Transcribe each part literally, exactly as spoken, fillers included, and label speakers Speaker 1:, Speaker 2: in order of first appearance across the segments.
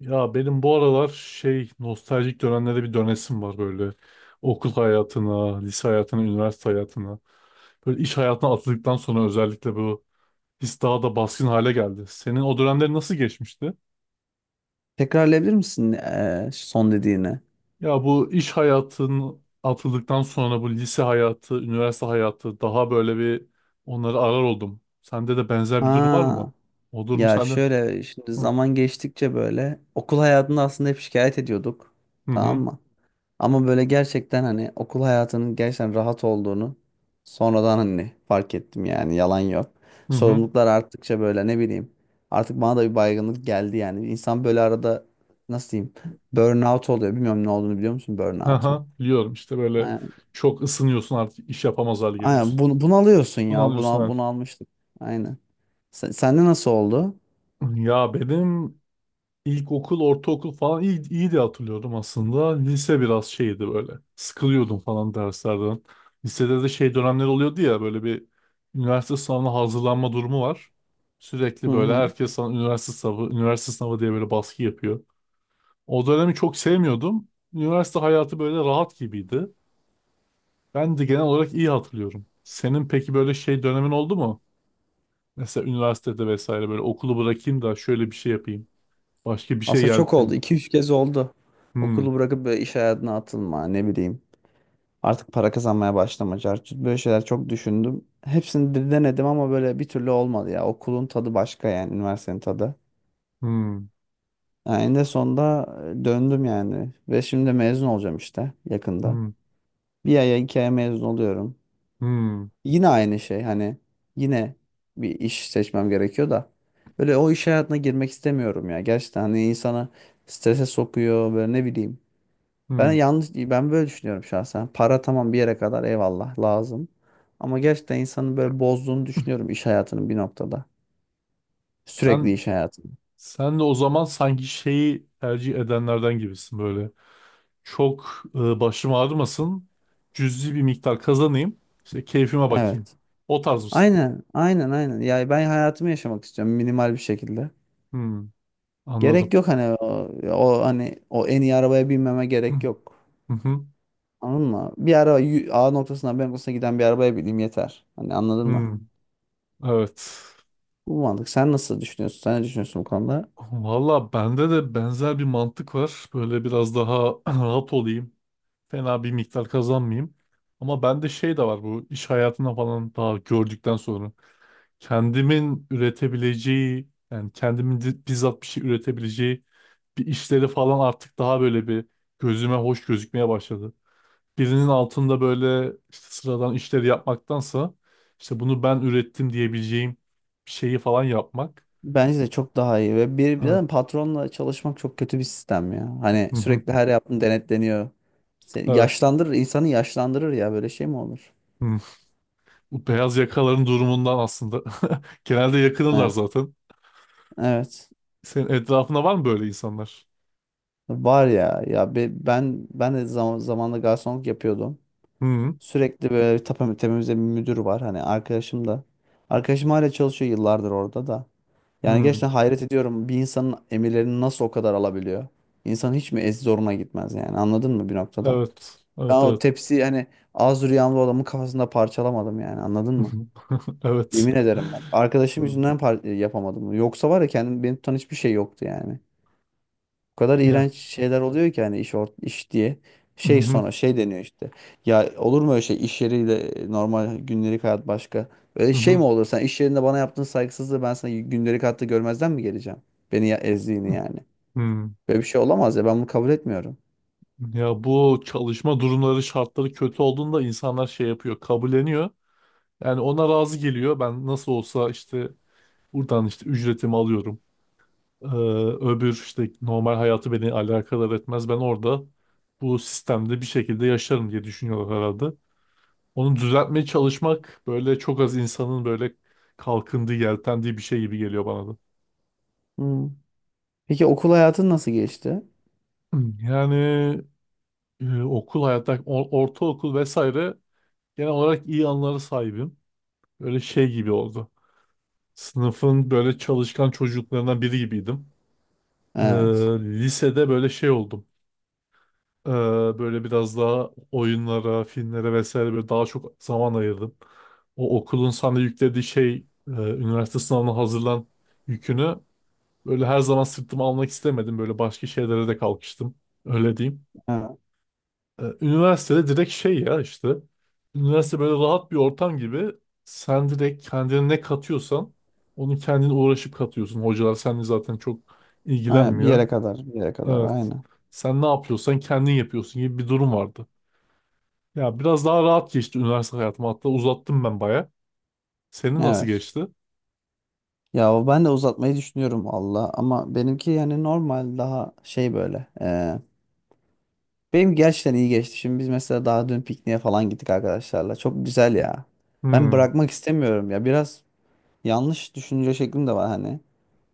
Speaker 1: Ya benim bu aralar şey nostaljik dönemlere bir dönesim var böyle. Okul hayatına, lise hayatına, üniversite hayatına. Böyle iş hayatına atıldıktan sonra özellikle bu his daha da baskın hale geldi. Senin o dönemleri nasıl geçmişti?
Speaker 2: Tekrarlayabilir misin eee, son dediğini?
Speaker 1: Ya bu iş hayatın atıldıktan sonra bu lise hayatı, üniversite hayatı daha böyle bir onları arar oldum. Sende de benzer bir durum var mı?
Speaker 2: Ha,
Speaker 1: O durum
Speaker 2: ya
Speaker 1: sende.
Speaker 2: şöyle şimdi
Speaker 1: Hı
Speaker 2: zaman geçtikçe böyle okul hayatında aslında hep şikayet ediyorduk. Tamam
Speaker 1: hı
Speaker 2: mı? Ama böyle gerçekten hani okul hayatının gerçekten rahat olduğunu sonradan hani fark ettim yani yalan yok.
Speaker 1: hı. Hı.
Speaker 2: Sorumluluklar arttıkça böyle ne bileyim artık bana da bir baygınlık geldi yani. İnsan böyle arada nasıl diyeyim burnout oluyor. Bilmiyorum ne olduğunu biliyor musun burnout'un?
Speaker 1: Haha, biliyorum işte böyle çok ısınıyorsun artık iş yapamaz hale geliyorsun.
Speaker 2: Aynen bunu, bunu alıyorsun
Speaker 1: Bunu
Speaker 2: ya. Bunu,
Speaker 1: alıyorsun
Speaker 2: al-
Speaker 1: abi.
Speaker 2: bunu almıştık. Aynen. Sen, sende nasıl oldu?
Speaker 1: Ya benim ilkokul, ortaokul falan iyi, iyi diye hatırlıyordum aslında. Lise biraz şeydi böyle. Sıkılıyordum falan derslerden. Lisede de şey dönemler oluyordu ya böyle bir üniversite sınavına hazırlanma durumu var.
Speaker 2: Hı
Speaker 1: Sürekli böyle
Speaker 2: hı.
Speaker 1: herkes sana üniversite sınavı, üniversite sınavı diye böyle baskı yapıyor. O dönemi çok sevmiyordum. Üniversite hayatı böyle rahat gibiydi. Ben de genel olarak iyi hatırlıyorum. Senin peki böyle şey dönemin oldu mu? Mesela üniversitede vesaire böyle okulu bırakayım da şöyle bir şey yapayım. Başka bir şey
Speaker 2: Aslında çok oldu.
Speaker 1: yeltin.
Speaker 2: İki üç kez oldu.
Speaker 1: Hmm,
Speaker 2: Okulu bırakıp böyle iş hayatına atılma ne bileyim. Artık para kazanmaya başlama. Cartçut. Böyle şeyler çok düşündüm. Hepsini de denedim ama böyle bir türlü olmadı ya. Okulun tadı başka yani. Üniversitenin tadı.
Speaker 1: hmm,
Speaker 2: Yani en de sonunda e, döndüm yani. Ve şimdi mezun olacağım işte yakında.
Speaker 1: hmm,
Speaker 2: Bir aya iki aya mezun oluyorum.
Speaker 1: hmm,
Speaker 2: Yine aynı şey hani yine bir iş seçmem gerekiyor da böyle o iş hayatına girmek istemiyorum ya. Gerçekten hani insana strese sokuyor böyle ne bileyim. Ben
Speaker 1: hmm.
Speaker 2: yanlış ben böyle düşünüyorum şahsen. Para tamam bir yere kadar eyvallah lazım. Ama gerçekten insanın böyle bozduğunu düşünüyorum iş hayatının bir noktada. Sürekli
Speaker 1: Sen,
Speaker 2: iş hayatını.
Speaker 1: sen de o zaman sanki şeyi tercih edenlerden gibisin böyle. Çok e, başım ağrımasın. Cüzi bir miktar kazanayım. İşte keyfime bakayım.
Speaker 2: Evet.
Speaker 1: O tarz mısın?
Speaker 2: Aynen, aynen, aynen. Ya ben hayatımı yaşamak istiyorum minimal bir şekilde.
Speaker 1: Hmm,
Speaker 2: Gerek
Speaker 1: anladım.
Speaker 2: yok hani o, o hani o en iyi arabaya binmeme
Speaker 1: Hmm,
Speaker 2: gerek yok.
Speaker 1: hı hı,
Speaker 2: Anladın mı? Bir ara y- A noktasından B noktasına giden bir arabaya bineyim yeter. Hani anladın mı?
Speaker 1: hmm, evet.
Speaker 2: Bu mantık. Sen nasıl düşünüyorsun? Sen ne düşünüyorsun bu konuda?
Speaker 1: Valla bende de benzer bir mantık var. Böyle biraz daha rahat olayım. Fena bir miktar kazanmayayım. Ama bende şey de var bu iş hayatına falan daha gördükten sonra. Kendimin üretebileceği yani kendimin di- bizzat bir şey üretebileceği bir işleri falan artık daha böyle bir gözüme hoş gözükmeye başladı. Birinin altında böyle işte sıradan işleri yapmaktansa işte bunu ben ürettim diyebileceğim bir şeyi falan yapmak.
Speaker 2: Bence de çok daha iyi ve bir, bir
Speaker 1: Evet.
Speaker 2: de patronla çalışmak çok kötü bir sistem ya. Hani sürekli her yaptığın denetleniyor. Seni
Speaker 1: Evet.
Speaker 2: yaşlandırır, insanı yaşlandırır ya böyle şey mi olur?
Speaker 1: Bu beyaz yakaların durumundan aslında. Genelde yakınırlar
Speaker 2: Evet.
Speaker 1: zaten.
Speaker 2: Evet.
Speaker 1: Senin etrafında var mı böyle insanlar?
Speaker 2: Var ya ya be- ben ben de zaman zamanında garsonluk yapıyordum.
Speaker 1: Hı
Speaker 2: Sürekli böyle bir tapa- tepemizde bir müdür var. Hani arkadaşım da. Arkadaşım hala çalışıyor yıllardır orada da. Yani
Speaker 1: hı.
Speaker 2: gerçekten hayret ediyorum. Bir insanın emirlerini nasıl o kadar alabiliyor? İnsan hiç mi ez zoruna gitmez yani anladın mı bir noktada?
Speaker 1: Evet.
Speaker 2: Ben
Speaker 1: Evet,
Speaker 2: o
Speaker 1: evet.
Speaker 2: tepsi hani az rüyamda adamın kafasında parçalamadım yani anladın mı?
Speaker 1: Evet.
Speaker 2: Yemin ederim bak. Arkadaşım
Speaker 1: Hı.
Speaker 2: yüzünden par- yapamadım. Yoksa var ya kendim beni tutan hiçbir şey yoktu yani. O kadar
Speaker 1: Ya.
Speaker 2: iğrenç şeyler oluyor ki hani iş ort iş diye.
Speaker 1: Hı
Speaker 2: Şey
Speaker 1: hı.
Speaker 2: sonra şey deniyor işte. Ya olur mu öyle şey iş yeriyle normal gündelik hayat başka. Öyle
Speaker 1: Hı
Speaker 2: şey mi
Speaker 1: hı.
Speaker 2: olur sen iş yerinde bana yaptığın saygısızlığı ben sana gündelik hayatta görmezden mi geleceğim? Beni ya ezdiğini yani.
Speaker 1: Hı.
Speaker 2: Böyle bir şey olamaz ya ben bunu kabul etmiyorum.
Speaker 1: Ya bu çalışma durumları, şartları kötü olduğunda insanlar şey yapıyor, kabulleniyor. Yani ona razı geliyor. Ben nasıl olsa işte buradan işte ücretimi alıyorum. Ee, öbür işte normal hayatı beni alakadar etmez. Ben orada bu sistemde bir şekilde yaşarım diye düşünüyorlar herhalde. Onu düzeltmeye çalışmak böyle çok az insanın böyle kalkındığı, yeltendiği bir şey gibi geliyor bana da.
Speaker 2: Hmm. Peki okul hayatın nasıl geçti?
Speaker 1: Hmm, Yani e, okul hayatta, o- ortaokul vesaire genel olarak iyi anılara sahibim. Böyle şey gibi oldu. Sınıfın böyle çalışkan çocuklarından biri gibiydim. Ee,
Speaker 2: Evet.
Speaker 1: Lisede böyle şey oldum. Ee, Böyle biraz daha oyunlara, filmlere vesaire böyle daha çok zaman ayırdım. O okulun sana yüklediği şey, e, üniversite sınavına hazırlan yükünü böyle her zaman sırtıma almak istemedim. Böyle başka şeylere de kalkıştım. Öyle diyeyim.
Speaker 2: Evet.
Speaker 1: Ee, üniversitede direkt şey ya işte. Üniversite böyle rahat bir ortam gibi. Sen direkt kendine ne katıyorsan onu kendin uğraşıp katıyorsun. Hocalar seninle zaten çok
Speaker 2: Aynen, bir
Speaker 1: ilgilenmiyor.
Speaker 2: yere kadar bir yere kadar
Speaker 1: Evet.
Speaker 2: aynen.
Speaker 1: Sen ne yapıyorsan kendin yapıyorsun gibi bir durum vardı. Ya biraz daha rahat geçti üniversite hayatım. Hatta uzattım ben baya. Senin nasıl
Speaker 2: Evet.
Speaker 1: geçti?
Speaker 2: Ya ben de uzatmayı düşünüyorum Allah ama benimki yani normal daha şey böyle. Benim gerçekten iyi geçti. Şimdi biz mesela daha dün pikniğe falan gittik arkadaşlarla. Çok güzel ya. Ben
Speaker 1: Hmm,
Speaker 2: bırakmak istemiyorum ya. Biraz yanlış düşünce şeklim de var hani.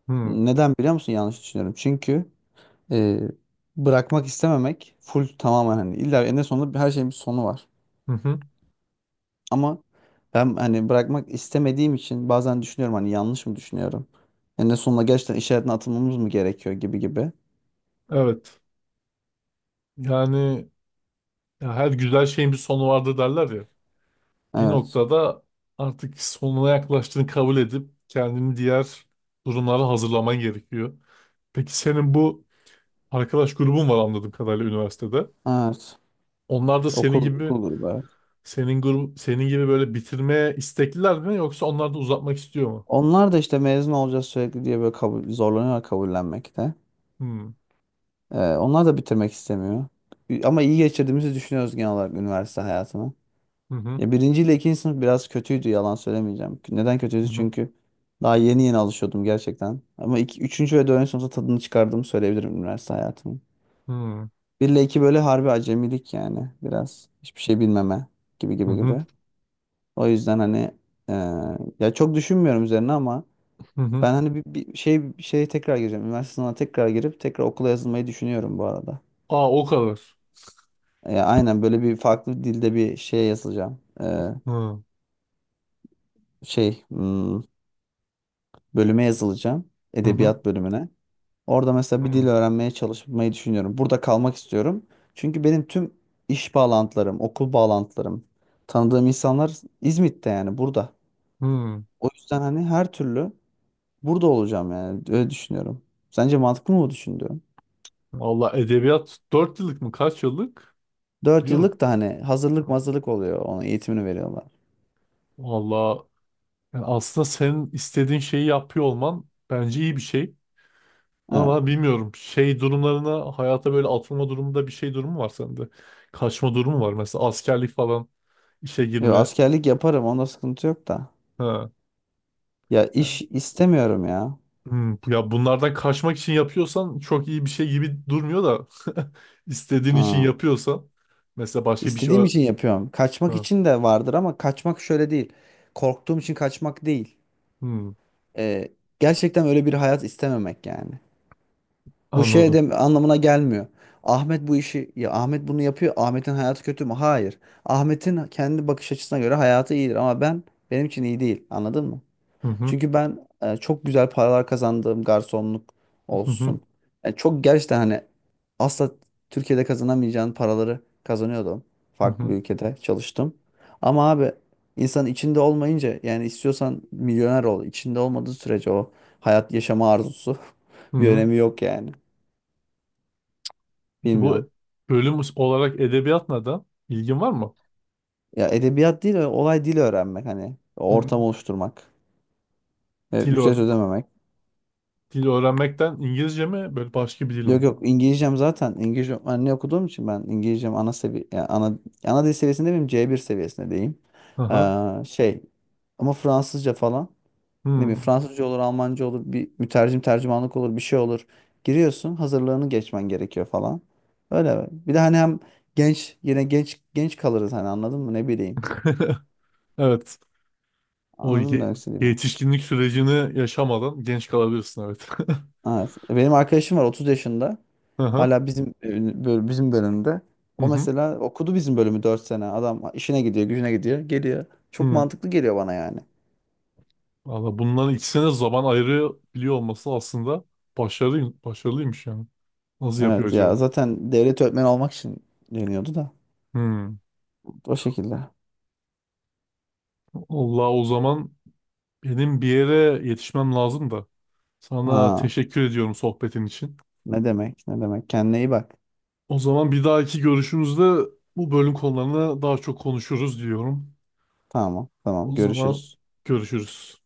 Speaker 1: hmm,
Speaker 2: Neden biliyor musun yanlış düşünüyorum? Çünkü e, bırakmak istememek full tamamen hani illa en sonunda her şeyin bir sonu var.
Speaker 1: hı hı.
Speaker 2: Ama ben hani bırakmak istemediğim için bazen düşünüyorum hani yanlış mı düşünüyorum? En sonunda gerçekten iş hayatına atılmamız mı gerekiyor gibi gibi.
Speaker 1: Evet. Yani ya her güzel şeyin bir sonu vardır derler ya. Bir
Speaker 2: Evet.
Speaker 1: noktada artık sonuna yaklaştığını kabul edip kendini diğer durumlara hazırlaman gerekiyor. Peki senin bu arkadaş grubum var anladığım kadarıyla üniversitede.
Speaker 2: Evet.
Speaker 1: Onlar da senin
Speaker 2: Okul, okul
Speaker 1: gibi
Speaker 2: grubu.
Speaker 1: senin grubu senin gibi böyle bitirmeye istekliler mi yoksa onlar da uzatmak istiyor mu?
Speaker 2: Onlar da işte mezun olacağız sürekli diye böyle kabul, zorlanıyorlar kabullenmekte.
Speaker 1: Hmm.
Speaker 2: Ee, onlar da bitirmek istemiyor. Ü- Ama iyi geçirdiğimizi düşünüyoruz genel olarak üniversite hayatını.
Speaker 1: Hı hı.
Speaker 2: Ya birinci ile ikinci sınıf biraz kötüydü yalan söylemeyeceğim. Neden
Speaker 1: Hı
Speaker 2: kötüydü?
Speaker 1: hı.
Speaker 2: Çünkü daha yeni yeni alışıyordum gerçekten. Ama iki, üçüncü ve dördüncü sınıfta tadını çıkardığımı söyleyebilirim üniversite hayatımın.
Speaker 1: Hı hı.
Speaker 2: Bir ile iki böyle harbi acemilik yani biraz. Hiçbir şey bilmeme gibi gibi
Speaker 1: Hı
Speaker 2: gibi. O yüzden hani e, ya çok düşünmüyorum üzerine ama
Speaker 1: hı. Hı.
Speaker 2: ben hani bir, bir şey bir şeye tekrar gireceğim. Üniversite sınavına tekrar girip tekrar okula yazılmayı düşünüyorum bu arada.
Speaker 1: Aa, o kadar.
Speaker 2: E, aynen böyle bir farklı dilde bir şeye yazılacağım. E,
Speaker 1: Hı hı.
Speaker 2: şey hmm, bölüme yazılacağım.
Speaker 1: Hı
Speaker 2: Edebiyat bölümüne. Orada mesela bir dil
Speaker 1: hı.
Speaker 2: öğrenmeye çalışmayı düşünüyorum. Burada kalmak istiyorum. Çünkü benim tüm iş bağlantılarım, okul bağlantılarım, tanıdığım insanlar İzmit'te yani burada.
Speaker 1: Hı.
Speaker 2: O yüzden hani her türlü burada olacağım yani öyle düşünüyorum. Sence mantıklı mı bu düşündüğüm?
Speaker 1: Allah edebiyat dört yıllık mı kaç yıllık?
Speaker 2: Dört
Speaker 1: Biliyor musun?
Speaker 2: yıllık da hani hazırlık mazırlık oluyor. Onun eğitimini veriyorlar.
Speaker 1: Valla yani aslında senin istediğin şeyi yapıyor olman bence iyi bir şey.
Speaker 2: Evet.
Speaker 1: Ama bilmiyorum şey durumlarına hayata böyle atılma durumunda bir şey durumu var sende. Kaçma durumu var mesela askerlik falan işe
Speaker 2: Yo,
Speaker 1: girme.
Speaker 2: askerlik yaparım. Onda sıkıntı yok da.
Speaker 1: Ha.
Speaker 2: Ya
Speaker 1: Ya,
Speaker 2: iş istemiyorum ya.
Speaker 1: hmm, ya bunlardan kaçmak için yapıyorsan çok iyi bir şey gibi durmuyor da istediğin için
Speaker 2: Aa,
Speaker 1: yapıyorsan mesela başka bir şey
Speaker 2: istediğim
Speaker 1: ö-
Speaker 2: için yapıyorum. Kaçmak
Speaker 1: ha.
Speaker 2: için de vardır ama kaçmak şöyle değil. Korktuğum için kaçmak değil.
Speaker 1: Hmm,
Speaker 2: Ee, gerçekten öyle bir hayat istememek yani. Bu şey
Speaker 1: anladım.
Speaker 2: de anlamına gelmiyor. Ahmet bu işi ya Ahmet bunu yapıyor. Ahmet'in hayatı kötü mü? Hayır. Ahmet'in kendi bakış açısına göre hayatı iyidir ama ben benim için iyi değil. Anladın mı?
Speaker 1: Hı hı,
Speaker 2: Çünkü ben e, çok güzel paralar kazandığım garsonluk
Speaker 1: hı hı,
Speaker 2: olsun. Yani çok gerçekten hani asla Türkiye'de kazanamayacağın paraları kazanıyordum.
Speaker 1: hı
Speaker 2: Farklı bir
Speaker 1: hı,
Speaker 2: ülkede çalıştım. Ama abi insan içinde olmayınca yani istiyorsan milyoner ol. İçinde olmadığı sürece o hayat yaşama arzusu
Speaker 1: hı
Speaker 2: bir
Speaker 1: hı.
Speaker 2: önemi yok yani.
Speaker 1: Peki bu
Speaker 2: Bilmiyorum.
Speaker 1: bölüm olarak edebiyat neden? İlgin var mı?
Speaker 2: Ya edebiyat değil olay dil öğrenmek hani ortam
Speaker 1: Hmm,
Speaker 2: oluşturmak. E,
Speaker 1: Dil,
Speaker 2: ücret
Speaker 1: öğ-
Speaker 2: ödememek.
Speaker 1: dil öğrenmekten İngilizce mi böyle başka bir dil
Speaker 2: Yok
Speaker 1: mi?
Speaker 2: yok İngilizcem zaten İngilizce anne okuduğum için ben İngilizcem ana sevi yani ana ana dil seviyesinde miyim C bir seviyesindeyim.
Speaker 1: Aha.
Speaker 2: Ee, şey ama Fransızca falan ne bileyim
Speaker 1: Hmm.
Speaker 2: Fransızca olur Almanca olur bir mütercim tercümanlık olur bir şey olur. Giriyorsun hazırlığını geçmen gerekiyor falan. Öyle bir de hani hem genç yine genç genç kalırız hani anladın mı ne bileyim.
Speaker 1: Evet. O
Speaker 2: Anladım
Speaker 1: ye-
Speaker 2: demek istediğimi?
Speaker 1: Yetişkinlik sürecini yaşamadan genç kalabilirsin, evet.
Speaker 2: Evet. E, benim arkadaşım var otuz yaşında.
Speaker 1: Hı hı.
Speaker 2: Hala bizim e, böl- bizim bölümde.
Speaker 1: Hı
Speaker 2: O
Speaker 1: hı.
Speaker 2: mesela okudu bizim bölümü dört sene. Adam işine gidiyor, gücüne gidiyor, geliyor. Çok
Speaker 1: Hı.
Speaker 2: mantıklı geliyor bana yani.
Speaker 1: Valla bunların ikisine zaman ayırabiliyor olması aslında başarılı, başarılıymış yani. Nasıl yapıyor
Speaker 2: Evet
Speaker 1: acaba?
Speaker 2: ya zaten devlet öğretmeni olmak için deniyordu da.
Speaker 1: Hmm.
Speaker 2: O şekilde.
Speaker 1: Allah o zaman benim bir yere yetişmem lazım da. Sana
Speaker 2: Ha,
Speaker 1: teşekkür ediyorum sohbetin için.
Speaker 2: ne demek? Ne demek? Kendine iyi bak.
Speaker 1: O zaman bir dahaki görüşümüzde bu bölüm konularını daha çok konuşuruz diyorum.
Speaker 2: Tamam, tamam.
Speaker 1: O zaman
Speaker 2: Görüşürüz.
Speaker 1: görüşürüz.